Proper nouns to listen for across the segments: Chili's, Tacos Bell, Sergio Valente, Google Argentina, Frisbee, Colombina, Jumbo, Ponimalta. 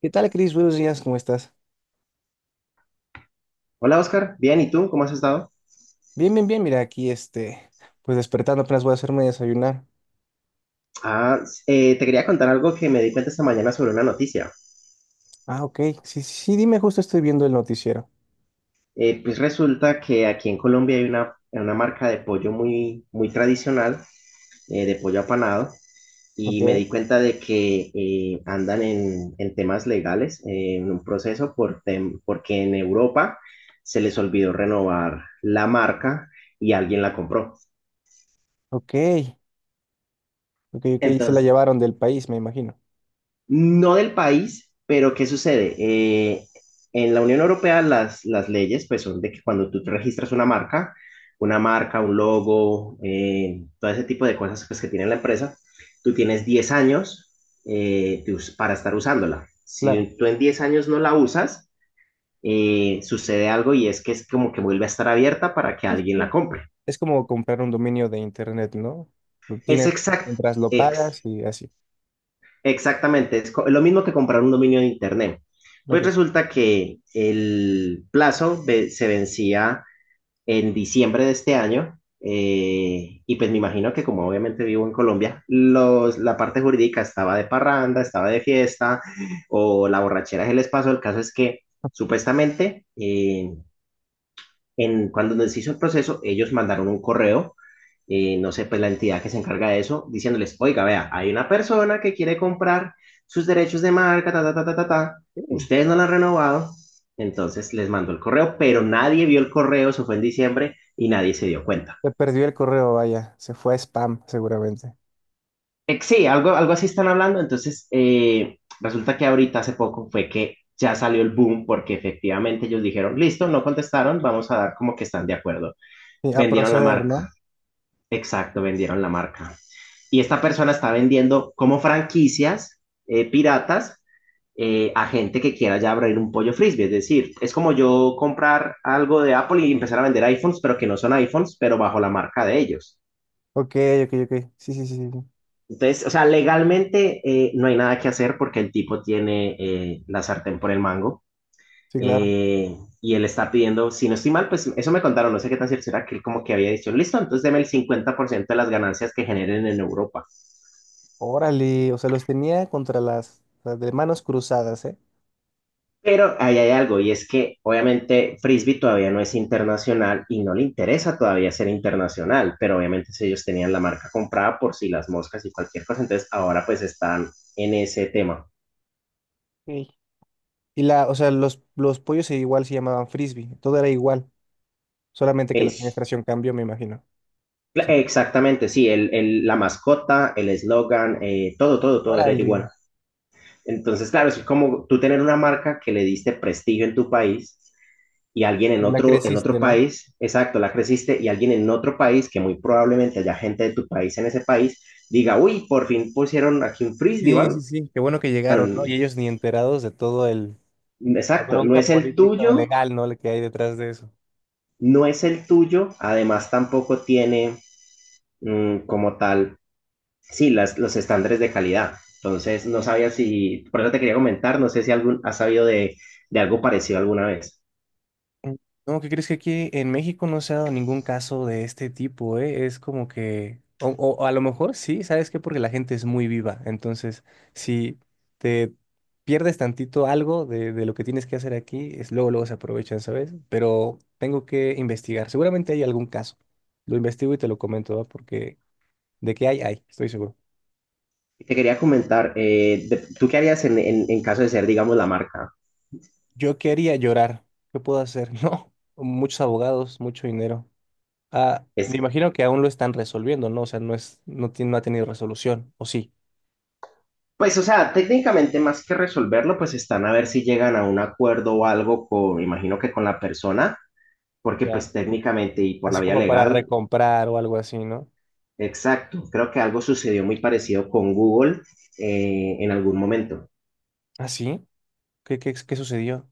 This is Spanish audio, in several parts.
¿Qué tal, Cris? Buenos días, ¿cómo estás? Hola Oscar, bien, ¿y tú? ¿Cómo has estado? Bien, bien, bien, mira, pues despertando, apenas voy a hacerme desayunar. Ah, te quería contar algo que me di cuenta esta mañana sobre una noticia. Ah, ok, sí, sí, sí, dime, justo estoy viendo el noticiero. Pues resulta que aquí en Colombia hay una marca de pollo muy, muy tradicional, de pollo apanado, y me di Ok. cuenta de que andan en temas legales, en un proceso, porque en Europa se les olvidó renovar la marca y alguien la compró. Ok, ok, ok, se la Entonces, llevaron del país, me imagino. no del país, pero ¿qué sucede? En la Unión Europea las leyes pues son de que cuando tú te registras una marca, un logo, todo ese tipo de cosas pues, que tiene la empresa, tú tienes 10 años, para estar usándola. Claro. Si tú en 10 años no la usas, sucede algo y es que es como que vuelve a estar abierta para que Sí, sí, alguien la sí. compre. Es como comprar un dominio de internet, ¿no? Lo Es tienes exacto. mientras lo pagas y así. Exactamente, es lo mismo que comprar un dominio de internet. Pues Ok. resulta que el plazo se vencía en diciembre de este año, y pues me imagino que como obviamente vivo en Colombia, la parte jurídica estaba de parranda, estaba de fiesta o la borrachera se les pasó. El caso es que supuestamente, cuando nos hizo el proceso, ellos mandaron un correo, no sé, pues la entidad que se encarga de eso, diciéndoles, oiga, vea, hay una persona que quiere comprar sus derechos de marca, ta, ta, ta, ta, ta, ta. Sí. Ustedes no la han renovado, entonces les mandó el correo, pero nadie vio el correo, eso fue en diciembre y nadie se dio cuenta. Se perdió el correo, vaya, se fue a spam seguramente. Sí, algo así están hablando, entonces, resulta que ahorita hace poco fue que ya salió el boom porque efectivamente ellos dijeron, listo, no contestaron, vamos a dar como que están de acuerdo. Sí, a Vendieron la proceder, ¿no? marca. Exacto, vendieron la marca. Y esta persona está vendiendo como franquicias, piratas, a gente que quiera ya abrir un pollo frisbee. Es decir, es como yo comprar algo de Apple y empezar a vender iPhones, pero que no son iPhones, pero bajo la marca de ellos. Ok, ok, ok, sí, sí, sí, sí, sí, Entonces, o sea, legalmente, no hay nada que hacer porque el tipo tiene, la sartén por el mango. sí, claro. eh, y él está pidiendo, si no estoy mal, pues eso me contaron, no sé qué tan cierto será, que él como que había dicho, listo, entonces deme el 50% de las ganancias que generen en Europa. Órale, o sea, los tenía contra las de manos cruzadas, ¿eh? Pero ahí hay algo, y es que obviamente Frisbee todavía no es internacional y no le interesa todavía ser internacional, pero obviamente si ellos tenían la marca comprada por si las moscas y cualquier cosa, entonces ahora pues están en ese tema. Sí. Y la, o sea, los pollos igual se llamaban frisbee, todo era igual, solamente que la Es, administración cambió, me imagino. O sea, exactamente, sí, la mascota, el eslogan, todo, todo, todo era órale, igual. Entonces, claro, es como tú tener una marca que le diste prestigio en tu país y alguien en la otro, en creciste, otro ¿no? país, exacto, la creciste y alguien en otro país, que muy probablemente haya gente de tu país en ese país, diga, uy, por fin pusieron aquí un frisbee, Sí, ¿vale? sí, sí, qué bueno que llegaron, ¿no? Um, Y ellos ni enterados de todo el, la exacto, no bronca es el política o tuyo, legal, ¿no? La que hay detrás de eso. no es el tuyo, además tampoco tiene, como tal, sí, los estándares de calidad. Entonces, no sabía si, por eso te quería comentar, no sé si algún, has sabido de algo parecido alguna vez. Mm, no, ¿qué crees que aquí en México no se ha dado ningún caso de este tipo, eh? Es como que, o a lo mejor sí, ¿sabes qué? Porque la gente es muy viva. Entonces, si te pierdes tantito algo de lo que tienes que hacer aquí, es luego, luego se aprovechan, ¿sabes? Pero tengo que investigar. Seguramente hay algún caso. Lo investigo y te lo comento, ¿va? Porque de que hay, estoy seguro. Te quería comentar, de, ¿tú qué harías en, en caso de ser, digamos, la marca? Yo quería llorar. ¿Qué puedo hacer? No, muchos abogados, mucho dinero. Ah, me Es, imagino que aún lo están resolviendo, ¿no? O sea, no es, no tiene, no ha tenido resolución, ¿o sí? Pues, o sea, técnicamente más que resolverlo, pues están a ver si llegan a un acuerdo o algo con, me imagino que con la persona, porque Ya. pues técnicamente y por la Así vía como para legal, recomprar o algo así, ¿no? exacto, creo que algo sucedió muy parecido con Google, en algún momento. ¿Ah, sí? ¿Qué, qué, qué sucedió?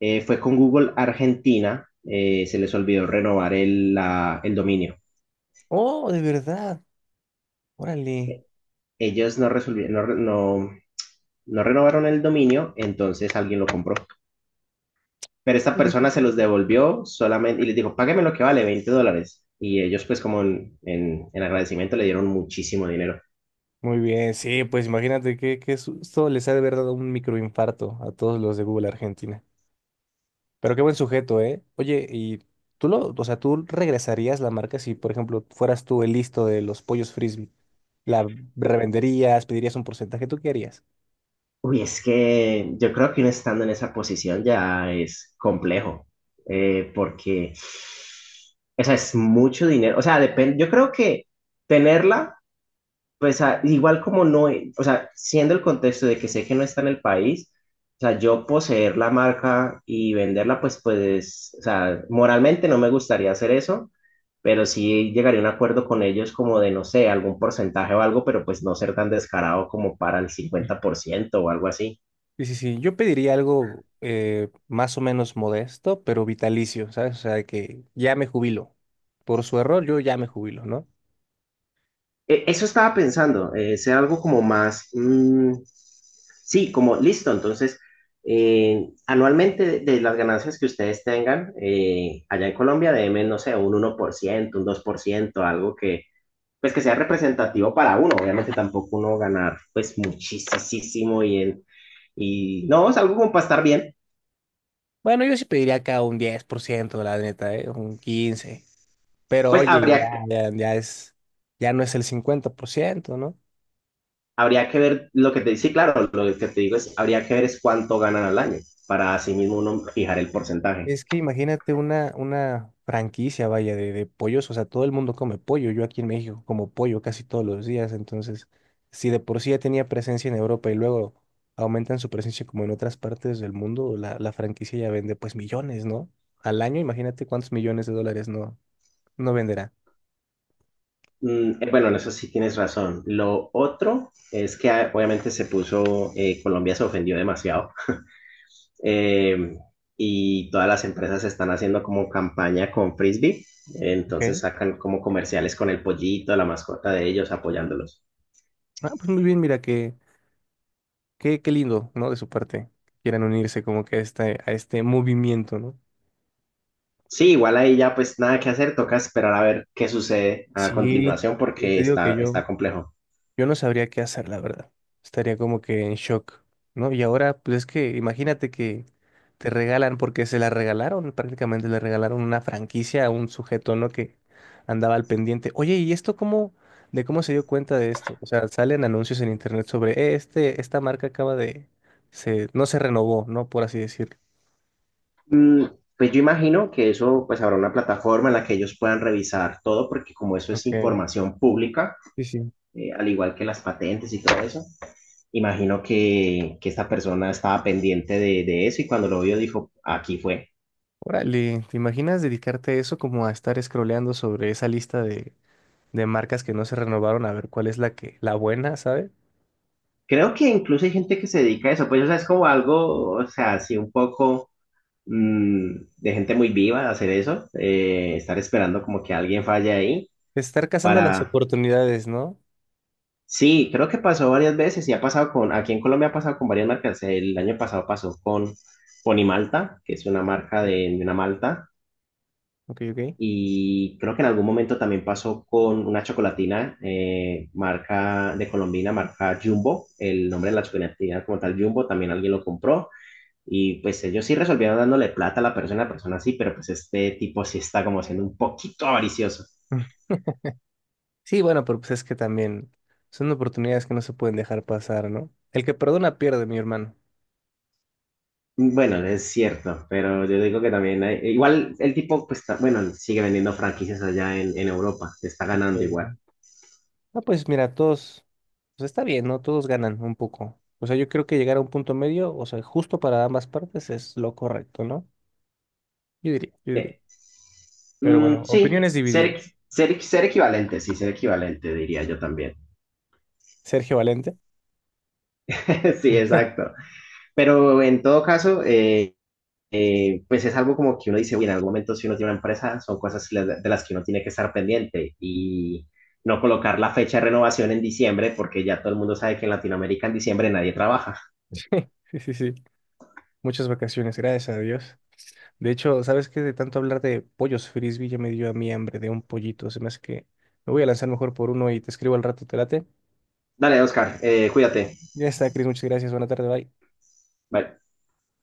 Fue con Google Argentina. Se les olvidó renovar el dominio. Oh, de verdad. Órale. Ellos no, resolvi- no, re- no, no renovaron el dominio, entonces alguien lo compró. Pero esta persona se los devolvió solamente y les dijo, págame lo que vale, $20. Y ellos pues como en, en agradecimiento le dieron muchísimo dinero. Muy bien, sí, pues imagínate qué, qué susto les ha de haber dado un microinfarto a todos los de Google Argentina. Pero qué buen sujeto, ¿eh? Oye, y tú lo, o sea, tú regresarías la marca si, por ejemplo, fueras tú el listo de los pollos frisbee. ¿La U- revenderías? ¿Pedirías un porcentaje? ¿Tú qué harías? Uy, es que yo creo que uno estando en esa posición ya es complejo, porque, o sea, es mucho dinero, o sea, depende, yo creo que tenerla. Igual como no, o sea, siendo el contexto de que sé que no está en el país, o sea, yo poseer la marca y venderla, pues, o sea, moralmente no me gustaría hacer eso, pero sí llegaría a un acuerdo con ellos como de, no sé, algún porcentaje o algo, pero pues no ser tan descarado como para el 50% o algo así. Sí, sí, sí. Yo pediría algo más o menos modesto, pero vitalicio, ¿sabes? O sea, de que ya me jubilo. Por su error, yo ya me jubilo, ¿no? Eso estaba pensando, ser algo como más, sí, como listo. Entonces, anualmente de las ganancias que ustedes tengan, allá en Colombia, deben, no sé, un 1% un 2% algo que, pues, que sea representativo para uno. Obviamente tampoco uno ganar, pues, muchísimo y no, es algo como para estar bien. Bueno, yo sí pediría acá un 10%, la neta, ¿eh? Un 15%. Pero Pues oye, ya, habría, que- ya, ya es, ya no es el 50%, ¿no? Habría que ver lo que te dice, claro, lo que te digo es, habría que ver es cuánto ganan al año para así mismo uno fijar el porcentaje. Es que imagínate una franquicia, vaya, de pollos, o sea, todo el mundo come pollo, yo aquí en México como pollo casi todos los días, entonces, si de por sí ya tenía presencia en Europa y luego aumentan su presencia como en otras partes del mundo, la franquicia ya vende pues millones, ¿no? Al año, imagínate cuántos millones de dólares no, no venderá. Bueno, en eso sí tienes razón. Lo otro es que, obviamente se puso, Colombia se ofendió demasiado. Eh, y todas las empresas están haciendo como campaña con Frisbee, entonces Ok. sacan como comerciales con el pollito, la mascota de ellos, apoyándolos. Ah, pues muy bien, mira, qué, qué, qué lindo, ¿no? De su parte, que quieran unirse como que a este movimiento, ¿no? Sí, igual ahí ya pues nada que hacer, toca esperar a ver qué sucede a Sí, continuación sí, porque te digo que está, yo... está complejo. Yo no sabría qué hacer, la verdad. Estaría como que en shock, ¿no? Y ahora, pues es que imagínate que te regalan, porque se la regalaron, prácticamente le regalaron una franquicia a un sujeto, ¿no? Que andaba al pendiente. Oye, ¿y esto cómo, de cómo se dio cuenta de esto? O sea, salen anuncios en internet sobre, este, esta marca acaba de, se, no se renovó, ¿no?" Por así decirlo. Mm, pues yo imagino que eso pues habrá una plataforma en la que ellos puedan revisar todo porque como eso es Ok, información pública, sí, sí. Al igual que las patentes y todo eso. Imagino que esta persona estaba pendiente de, eso y cuando lo vio dijo, aquí fue. Órale, ¿te imaginas dedicarte a eso como a estar scrolleando sobre esa lista de marcas que no se renovaron a ver cuál es la que, la buena, sabe. Creo que incluso hay gente que se dedica a eso, pues o sea, es como algo, o sea, así un poco, mm, de gente muy viva de hacer eso, estar esperando como que alguien falle ahí Estar cazando las para... oportunidades, ¿no? Sí, creo que pasó varias veces y ha pasado aquí en Colombia ha pasado con varias marcas, el año pasado pasó con Ponimalta, que es una marca de, Ok, de una malta. ok, ok. Y creo que en algún momento también pasó con una chocolatina, marca de Colombina, marca Jumbo. El nombre de la chocolatina como tal Jumbo también alguien lo compró. Y pues ellos sí resolvieron dándole plata a la persona sí, pero pues este tipo sí está como siendo un poquito avaricioso. Mm. Sí, bueno, pero pues es que también son oportunidades que no se pueden dejar pasar, ¿no? El que perdona pierde, mi hermano. Bueno, es cierto, pero yo digo que también igual el tipo pues bueno, sigue vendiendo franquicias allá en Europa, se está Ok. ganando igual. Ah, pues mira, todos, pues está bien, ¿no? Todos ganan un poco. O sea, yo creo que llegar a un punto medio, o sea, justo para ambas partes es lo correcto, ¿no? Yo diría, yo diría. Eh, Pero bueno, sí, opiniones divididas. ser equivalente, sí, ser equivalente diría yo también. Sergio Valente. Sí, exacto. Pero en todo caso, pues es algo como que uno dice, uy, en algún momento si uno tiene una empresa, son cosas de las que uno tiene que estar pendiente y no colocar la fecha de renovación en diciembre, porque ya todo el mundo sabe que en Latinoamérica en diciembre nadie trabaja. Sí, sí, sí. Muchas vacaciones, gracias a Dios. De hecho, ¿sabes qué? De tanto hablar de pollos frisbee ya me dio a mí hambre de un pollito. Se me hace que me voy a lanzar mejor por uno y te escribo al rato, ¿te late? Dale, Oscar, cuídate. Ya está, Cris, muchas gracias. Buena tarde, bye. Bye.